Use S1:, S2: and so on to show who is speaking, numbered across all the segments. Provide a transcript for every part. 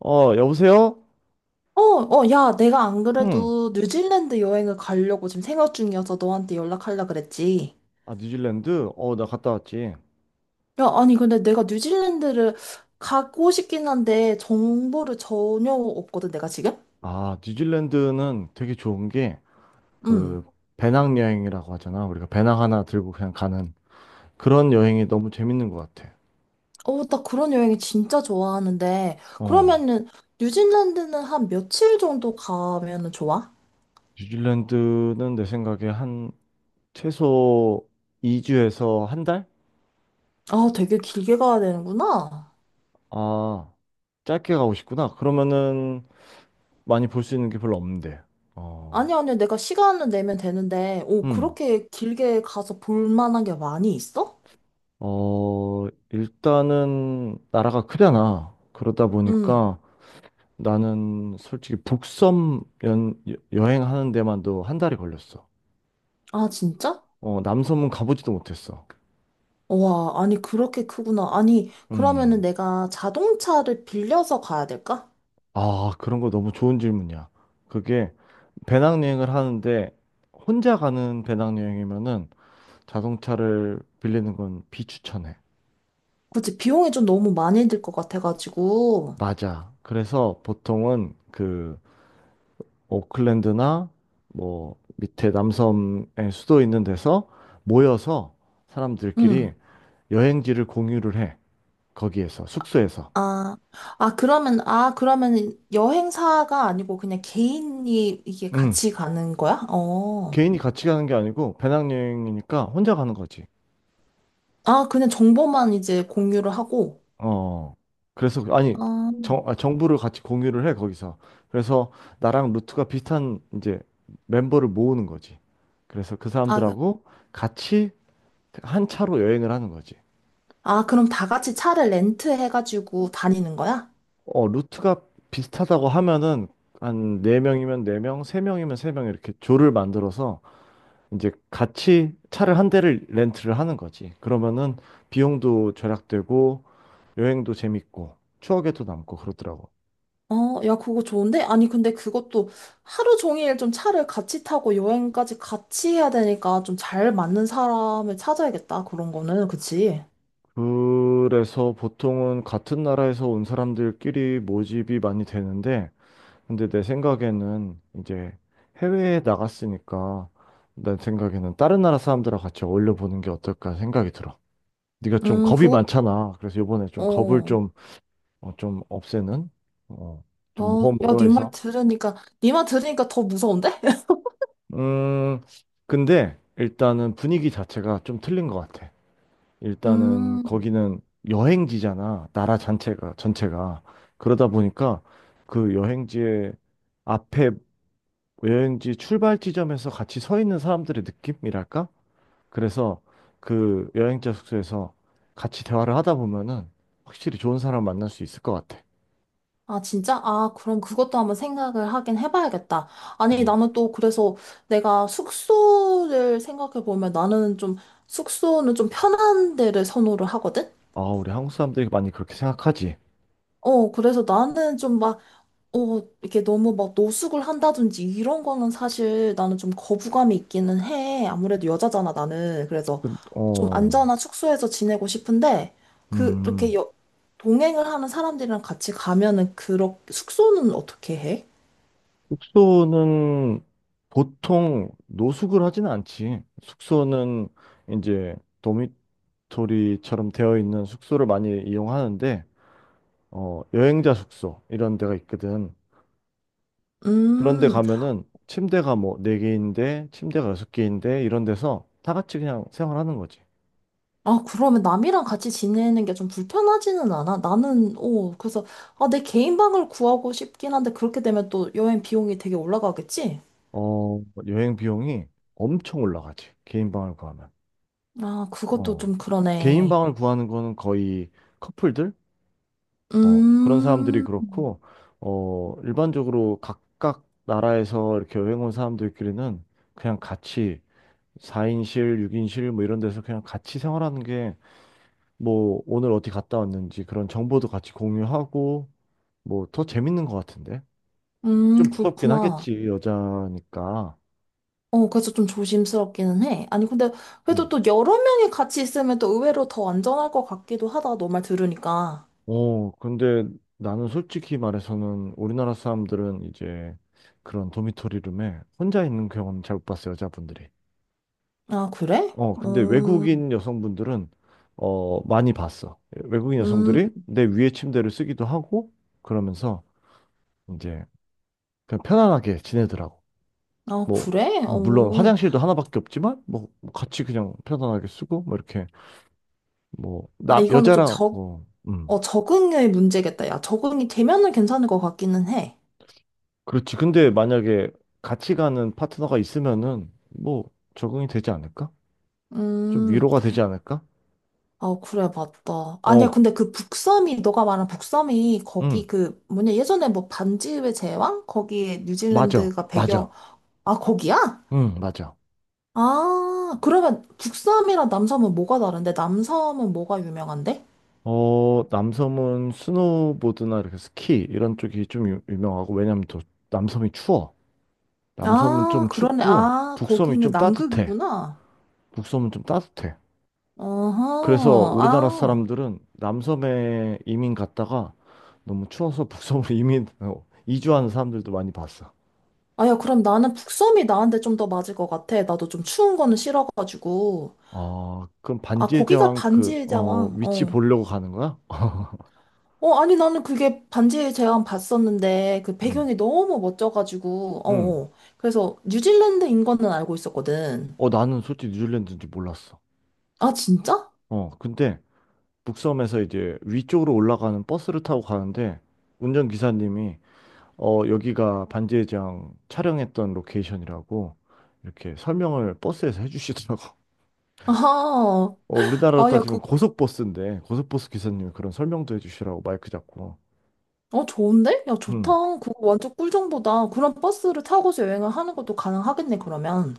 S1: 여보세요?
S2: 야, 내가 안
S1: 응.
S2: 그래도 뉴질랜드 여행을 가려고 지금 생각 중이어서 너한테 연락하려 그랬지.
S1: 아, 뉴질랜드? 나 갔다 왔지.
S2: 야, 아니, 근데 내가 뉴질랜드를 가고 싶긴 한데 정보를 전혀 없거든, 내가 지금?
S1: 아, 뉴질랜드는 되게 좋은 게,
S2: 응.
S1: 그, 배낭여행이라고 하잖아. 우리가 배낭 하나 들고 그냥 가는 그런 여행이 너무 재밌는 것 같아.
S2: 어, 나 그런 여행이 진짜 좋아하는데,
S1: 어,
S2: 그러면은 뉴질랜드는 한 며칠 정도 가면은 좋아?
S1: 뉴질랜드는 내 생각에 한 최소 2주에서 한 달?
S2: 아, 되게 길게 가야 되는구나.
S1: 아, 짧게 가고 싶구나. 그러면은 많이 볼 수 있는 게 별로 없는데.
S2: 아니,
S1: 어,
S2: 아니, 내가 시간을 내면 되는데, 오,
S1: 음.
S2: 그렇게 길게 가서 볼 만한 게 많이 있어?
S1: 일단은 나라가 크잖아. 그러다
S2: 응.
S1: 보니까 나는 솔직히 북섬 여행하는 데만도 한 달이 걸렸어.
S2: 아, 진짜?
S1: 남섬은 가보지도 못했어.
S2: 와, 아니, 그렇게 크구나. 아니, 그러면은
S1: 음.
S2: 내가 자동차를 빌려서 가야 될까?
S1: 아, 그런 거 너무 좋은 질문이야. 그게 배낭여행을 하는데 혼자 가는 배낭여행이면은 자동차를 빌리는 건 비추천해.
S2: 그치, 비용이 좀 너무 많이 들 것 같아가지고.
S1: 맞아. 그래서 보통은 그 오클랜드나 뭐 밑에 남섬의 수도 있는 데서 모여서 사람들끼리
S2: 응.
S1: 여행지를 공유를 해. 거기에서, 숙소에서.
S2: 아, 그러면 여행사가 아니고 그냥 개인이 이게
S1: 응.
S2: 같이 가는 거야? 어.
S1: 개인이 같이 가는 게 아니고 배낭여행이니까 혼자 가는 거지.
S2: 아, 그냥 정보만 이제 공유를 하고.
S1: 어. 그래서, 아니,
S2: 어.
S1: 정보를 같이 공유를 해, 거기서. 그래서 나랑 루트가 비슷한 이제 멤버를 모으는 거지. 그래서 그
S2: 아,
S1: 사람들하고 같이 한 차로 여행을 하는 거지.
S2: 그럼 다 같이 차를 렌트해가지고 다니는 거야?
S1: 루트가 비슷하다고 하면은 한 네명이면네명세명이면세 명세 명이면 세명 이렇게 조를 만들어서 이제 같이 차를 한 대를 렌트를 하는 거지. 그러면은 비용도 절약되고 여행도 재밌고 추억에도 남고 그러더라고.
S2: 어, 야, 그거 좋은데? 아니, 근데 그것도 하루 종일 좀 차를 같이 타고 여행까지 같이 해야 되니까 좀 잘 맞는 사람을 찾아야겠다. 그런 거는, 그치?
S1: 그래서 보통은 같은 나라에서 온 사람들끼리 모집이 많이 되는데 근데 내 생각에는 이제 해외에 나갔으니까 내 생각에는 다른 나라 사람들하고 같이 어울려 보는 게 어떨까 생각이 들어. 네가 좀 겁이
S2: 그거,
S1: 많잖아. 그래서 이번에 좀 겁을
S2: 어.
S1: 좀, 좀 없애는 어, 좀
S2: 어, 야,
S1: 모험으로 해서
S2: 네 말 들으니까 더 무서운데?
S1: 음, 근데 일단은 분위기 자체가 좀 틀린 것 같아. 일단은
S2: 음,
S1: 거기는 여행지잖아. 나라 전체가, 전체가. 그러다 보니까 그 여행지의 앞에 여행지 출발 지점에서 같이 서 있는 사람들의 느낌이랄까? 그래서 그 여행자 숙소에서 같이 대화를 하다 보면은 확실히 좋은 사람 만날 수 있을 것 같아.
S2: 아, 진짜? 아, 그럼 그것도 한번 생각을 하긴 해봐야겠다. 아니,
S1: 음.
S2: 나는 또 그래서 내가 숙소를 생각해보면 나는 좀, 숙소는 좀 편한 데를 선호를 하거든?
S1: 아, 우리 한국 사람들이 많이 그렇게 생각하지.
S2: 어, 그래서 나는 좀막 어, 이게 너무 막 노숙을 한다든지 이런 거는 사실 나는 좀 거부감이 있기는 해. 아무래도 여자잖아, 나는. 그래서
S1: 근-
S2: 좀
S1: 어,
S2: 안전한 숙소에서 지내고 싶은데, 그,
S1: 음.
S2: 이렇게 여, 동행을 하는 사람들이랑 같이 가면은, 그렇, 숙소는 어떻게 해?
S1: 숙소는 보통 노숙을 하지는 않지. 숙소는 이제 도미토리처럼 되어 있는 숙소를 많이 이용하는데, 여행자 숙소 이런 데가 있거든. 그런 데
S2: 음,
S1: 가면은 침대가 뭐 네개인데 침대가 여섯 개인데 이런 데서 다 같이 그냥 생활하는 거지.
S2: 아, 그러면 남이랑 같이 지내는 게 좀 불편하지는 않아? 나는, 어, 그래서, 아, 내 개인 방을 구하고 싶긴 한데, 그렇게 되면 또 여행 비용이 되게 올라가겠지?
S1: 어, 여행 비용이 엄청 올라가지. 개인 방을 구하면.
S2: 아, 그것도
S1: 어.
S2: 좀
S1: 개인
S2: 그러네.
S1: 방을 구하는 거는 거의 커플들? 그런 사람들이
S2: 음.
S1: 그렇고, 일반적으로 각각 나라에서 이렇게 여행 온 사람들끼리는 그냥 같이 4인실, 6인실 뭐 이런 데서 그냥 같이 생활하는 게 뭐 오늘 어디 갔다 왔는지 그런 정보도 같이 공유하고 뭐 더 재밌는 것 같은데? 좀 무섭긴
S2: 그렇구나.
S1: 하겠지, 여자니까.
S2: 어, 그래서 좀 조심스럽기는 해. 아니, 근데
S1: 음.
S2: 그래도 또 여러 명이 같이 있으면 또 의외로 더 안전할 것 같기도 하다, 너 말 들으니까.
S1: 근데 나는 솔직히 말해서는 우리나라 사람들은 이제 그런 도미토리룸에 혼자 있는 경우는 잘못 봤어, 여자분들이.
S2: 아, 그래?
S1: 근데
S2: 음,
S1: 외국인 여성분들은 많이 봤어. 외국인
S2: 음,
S1: 여성들이 내 위에 침대를 쓰기도 하고 그러면서 이제 그냥 편안하게 지내더라고.
S2: 아,
S1: 뭐
S2: 그래?
S1: 물론
S2: 어,
S1: 화장실도 하나밖에 없지만 뭐 같이 그냥 편안하게 쓰고 뭐 이렇게 뭐
S2: 아,
S1: 남
S2: 이거는 좀
S1: 여자랑
S2: 적,
S1: 뭐
S2: 어, 적응의 문제겠다. 야, 적응이 되면은 괜찮을 것 같기는 해.
S1: 그렇지. 근데 만약에 같이 가는 파트너가 있으면은 뭐 적응이 되지 않을까? 좀
S2: 음,
S1: 위로가 되지 않을까?
S2: 아, 그래, 맞다. 아니야,
S1: 어,
S2: 근데 그 북섬이, 너가 말한 북섬이 거기
S1: 음,
S2: 그, 뭐냐, 예전에 뭐 반지의 제왕? 거기에
S1: 맞아.
S2: 뉴질랜드가 배경,
S1: 맞아.
S2: 아, 거기야?
S1: 맞아.
S2: 아, 그러면 북섬이랑 남섬은 뭐가 다른데? 남섬은 뭐가 유명한데?
S1: 남섬은 스노보드나 이렇게 스키 이런 쪽이 좀 유, 명하고 왜냐면 또 남섬이 추워. 남섬은
S2: 아,
S1: 좀
S2: 그러네.
S1: 춥고
S2: 아,
S1: 북섬이
S2: 거기는
S1: 좀 따뜻해.
S2: 남극이구나.
S1: 북섬은 좀 따뜻해. 그래서
S2: 어허,
S1: 우리나라
S2: 아.
S1: 사람들은 남섬에 이민 갔다가 너무 추워서 북섬으로 이주하는 사람들도 많이 봤어.
S2: 아, 야, 그럼 나는 북섬이 나한테 좀 더 맞을 것 같아. 나도 좀 추운 거는 싫어가지고.
S1: 그럼
S2: 아,
S1: 반지의
S2: 거기가
S1: 제왕 그
S2: 반지의 제왕.
S1: 위치
S2: 어.
S1: 보려고 가는 거야?
S2: 어, 아니, 나는 그게 반지의 제왕 봤었는데, 그
S1: 응.
S2: 배경이 너무 멋져가지고,
S1: 응.
S2: 어, 어. 그래서 뉴질랜드인 거는 알고 있었거든.
S1: 나는 솔직히 뉴질랜드인지 몰랐어.
S2: 아, 진짜?
S1: 근데 북섬에서 이제 위쪽으로 올라가는 버스를 타고 가는데 운전기사님이 여기가 반지의장 촬영했던 로케이션이라고 이렇게 설명을 버스에서 해주시더라고.
S2: 아하.
S1: 우리나라로
S2: 아, 야,
S1: 따지면
S2: 그,
S1: 고속버스인데 고속버스 기사님이 그런 설명도 해주시라고 마이크 잡고.
S2: 어, 좋은데? 야,
S1: 음.
S2: 좋다. 그거 완전 꿀정보다. 그런 버스를 타고서 여행을 하는 것도 가능하겠네, 그러면.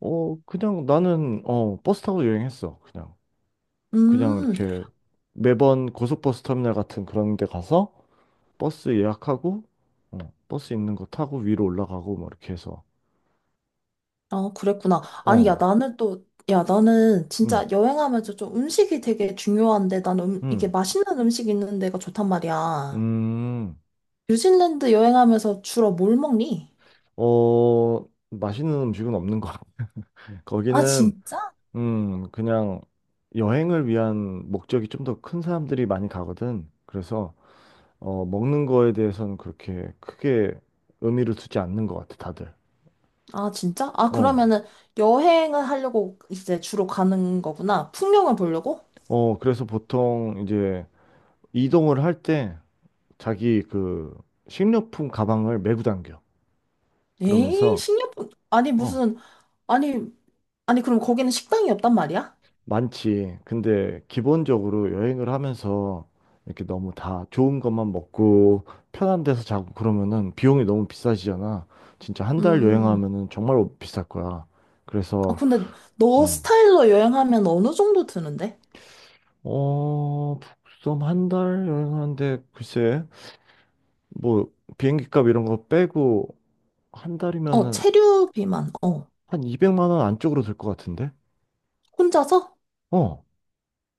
S1: 그냥 나는 버스 타고 여행했어. 그냥. 그냥
S2: 음,
S1: 이렇게 매번 고속버스 터미널 같은 그런 데 가서 버스 예약하고 어, 버스 있는 거 타고 위로 올라가고 뭐 이렇게 해서
S2: 아, 그랬구나. 아니, 야,
S1: 어.
S2: 나는 또, 야, 나는
S1: 응.
S2: 진짜 여행하면서 좀 음식이 되게 중요한데, 나는 이게
S1: 음,
S2: 맛있는 음식 있는 데가 좋단 말이야.
S1: 음,
S2: 뉴질랜드 여행하면서 주로 뭘 먹니?
S1: 어, 맛있는 음식은 없는 것 같아.
S2: 아,
S1: 거기는,
S2: 진짜?
S1: 그냥 여행을 위한 목적이 좀 더 큰 사람들이 많이 가거든. 그래서, 먹는 거에 대해서는 그렇게 크게 의미를 두지 않는 것 같아, 다들.
S2: 아, 진짜? 아,
S1: 어,
S2: 그러면은 여행을 하려고 이제 주로 가는 거구나. 풍경을 보려고?
S1: 그래서 보통 이제 이동을 할 때 자기 그 식료품 가방을 메고 당겨.
S2: 에이,
S1: 그러면서,
S2: 식료품, 아니,
S1: 어,
S2: 무슨, 아니, 아니, 그럼 거기는 식당이 없단 말이야?
S1: 많지. 근데 기본적으로 여행을 하면서 이렇게 너무 다 좋은 것만 먹고 편한 데서 자고 그러면은 비용이 너무 비싸지잖아. 진짜 한 달
S2: 음,
S1: 여행하면은 정말 비쌀 거야.
S2: 아,
S1: 그래서
S2: 근데 너
S1: 음.
S2: 스타일로 여행하면 어느 정도 드는데?
S1: 어, 북섬 한 달 여행하는데 글쎄 뭐 비행기 값 이런 거 빼고 한
S2: 어,
S1: 달이면은
S2: 체류 비만, 어.
S1: 한 200만 원 안쪽으로 들 것 같은데?
S2: 혼자서?
S1: 어.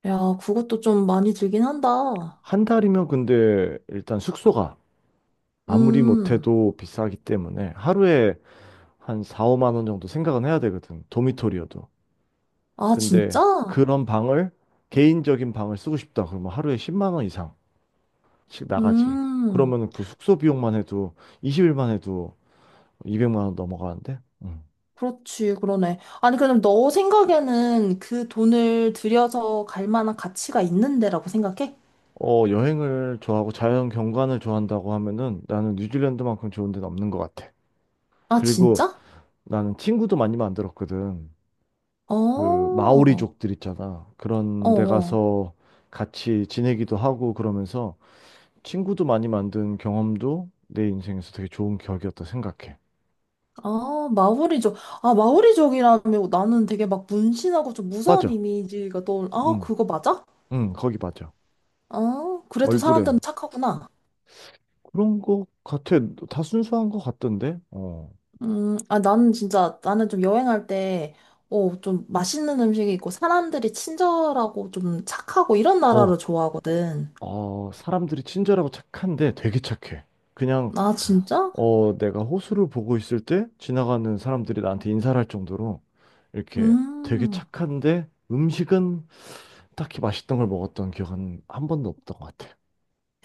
S2: 야, 그것도 좀 많이 들긴 한다.
S1: 한 달이면 근데 일단 숙소가 아무리
S2: 음,
S1: 못해도 비싸기 때문에 하루에 한 4, 5만 원 정도 생각은 해야 되거든. 도미토리여도.
S2: 아,
S1: 근데
S2: 진짜?
S1: 그런 방을 개인적인 방을 쓰고 싶다. 그러면 하루에 10만 원 이상씩 나가지.
S2: 음,
S1: 그러면 그 숙소 비용만 해도 20일만 해도 200만 원 넘어가는데. 음.
S2: 그렇지, 그러네. 아니, 그럼 너 생각에는 그 돈을 들여서 갈 만한 가치가 있는 데라고 생각해?
S1: 여행을 좋아하고 자연 경관을 좋아한다고 하면은 나는 뉴질랜드만큼 좋은 데는 없는 것 같아.
S2: 아,
S1: 그리고
S2: 진짜?
S1: 나는 친구도 많이 만들었거든.
S2: 어,
S1: 그
S2: 어,
S1: 마오리족들 있잖아. 그런 데
S2: 어.
S1: 가서 같이 지내기도 하고 그러면서 친구도 많이 만든 경험도 내 인생에서 되게 좋은 기억이었다 생각해.
S2: 아, 마오리족. 아, 마오리족이라면 나는 되게 막 문신하고 좀 무서운
S1: 맞아.
S2: 이미지가 떠올, 아,
S1: 응,
S2: 그거 맞아?
S1: 응, 거기 맞아.
S2: 아, 그래도
S1: 얼굴에.
S2: 사람들은 착하구나.
S1: 그런 거 같아. 다 순수한 거 같던데?
S2: 아, 나는 진짜, 나는 좀 여행할 때, 어, 좀 맛있는 음식이 있고, 사람들이 친절하고 좀 착하고 이런
S1: 어,
S2: 나라를
S1: 그-
S2: 좋아하거든.
S1: 사람들이 친절하고 착한데 되게 착해. 그냥,
S2: 아, 진짜?
S1: 내가 호수를 보고 있을 때 지나가는 사람들이 나한테 인사를 할 정도로 이렇게 되게
S2: 음.
S1: 착한데 음식은 딱히 맛있던 걸 먹었던 기억은 한 번도 없던 것 같아.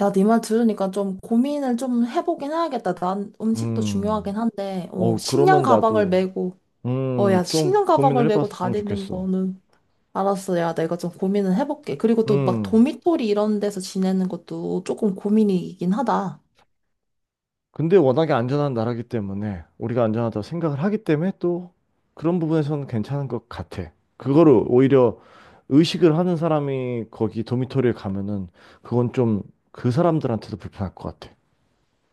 S2: 야, 네 말 들으니까 좀 고민을 좀 해보긴 해야겠다. 난 음식도
S1: 음,
S2: 중요하긴 한데, 어, 식량
S1: 그러면
S2: 가방을
S1: 나도
S2: 메고, 어, 야,
S1: 좀
S2: 식량 가방을
S1: 고민을
S2: 메고
S1: 해봤으면
S2: 다니는
S1: 좋겠어.
S2: 거는 알았어. 야, 내가 좀 고민은 해볼게. 그리고 또 막
S1: 음,
S2: 도미토리 이런 데서 지내는 것도 조금 고민이긴 하다.
S1: 근데 워낙에 안전한 나라기 때문에 우리가 안전하다고 생각을 하기 때문에 또 그런 부분에서는 괜찮은 것 같아. 그거를 오히려 의식을 하는 사람이 거기 도미토리에 가면은 그건 좀 그 사람들한테도 불편할 것 같아.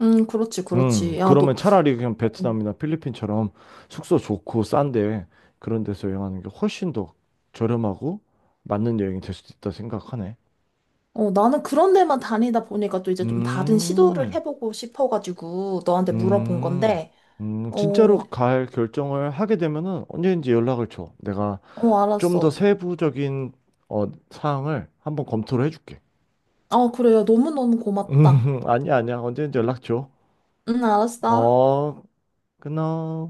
S2: 그렇지, 그렇지. 야,
S1: 그러면
S2: 너,
S1: 차라리 그냥 베트남이나 필리핀처럼 숙소 좋고 싼데 그런 데서 여행하는 게 훨씬 더 저렴하고 맞는 여행이 될 수도 있다 생각하네.
S2: 어, 나는 그런 데만 다니다 보니까 또 이제 좀 다른 시도를
S1: 음.
S2: 해보고 싶어가지고 너한테 물어본
S1: 음,
S2: 건데,
S1: 진짜로
S2: 어,
S1: 갈 결정을 하게 되면은 언제든지 연락을 줘. 내가 좀 더
S2: 알았어.
S1: 세부적인 사항을 한번 검토를 해줄게.
S2: 어, 그래. 요 너무너무 고맙다.
S1: 아니야, 아니야. 언제든지 연락 줘.
S2: 응, 알았어.
S1: 어, 끊어.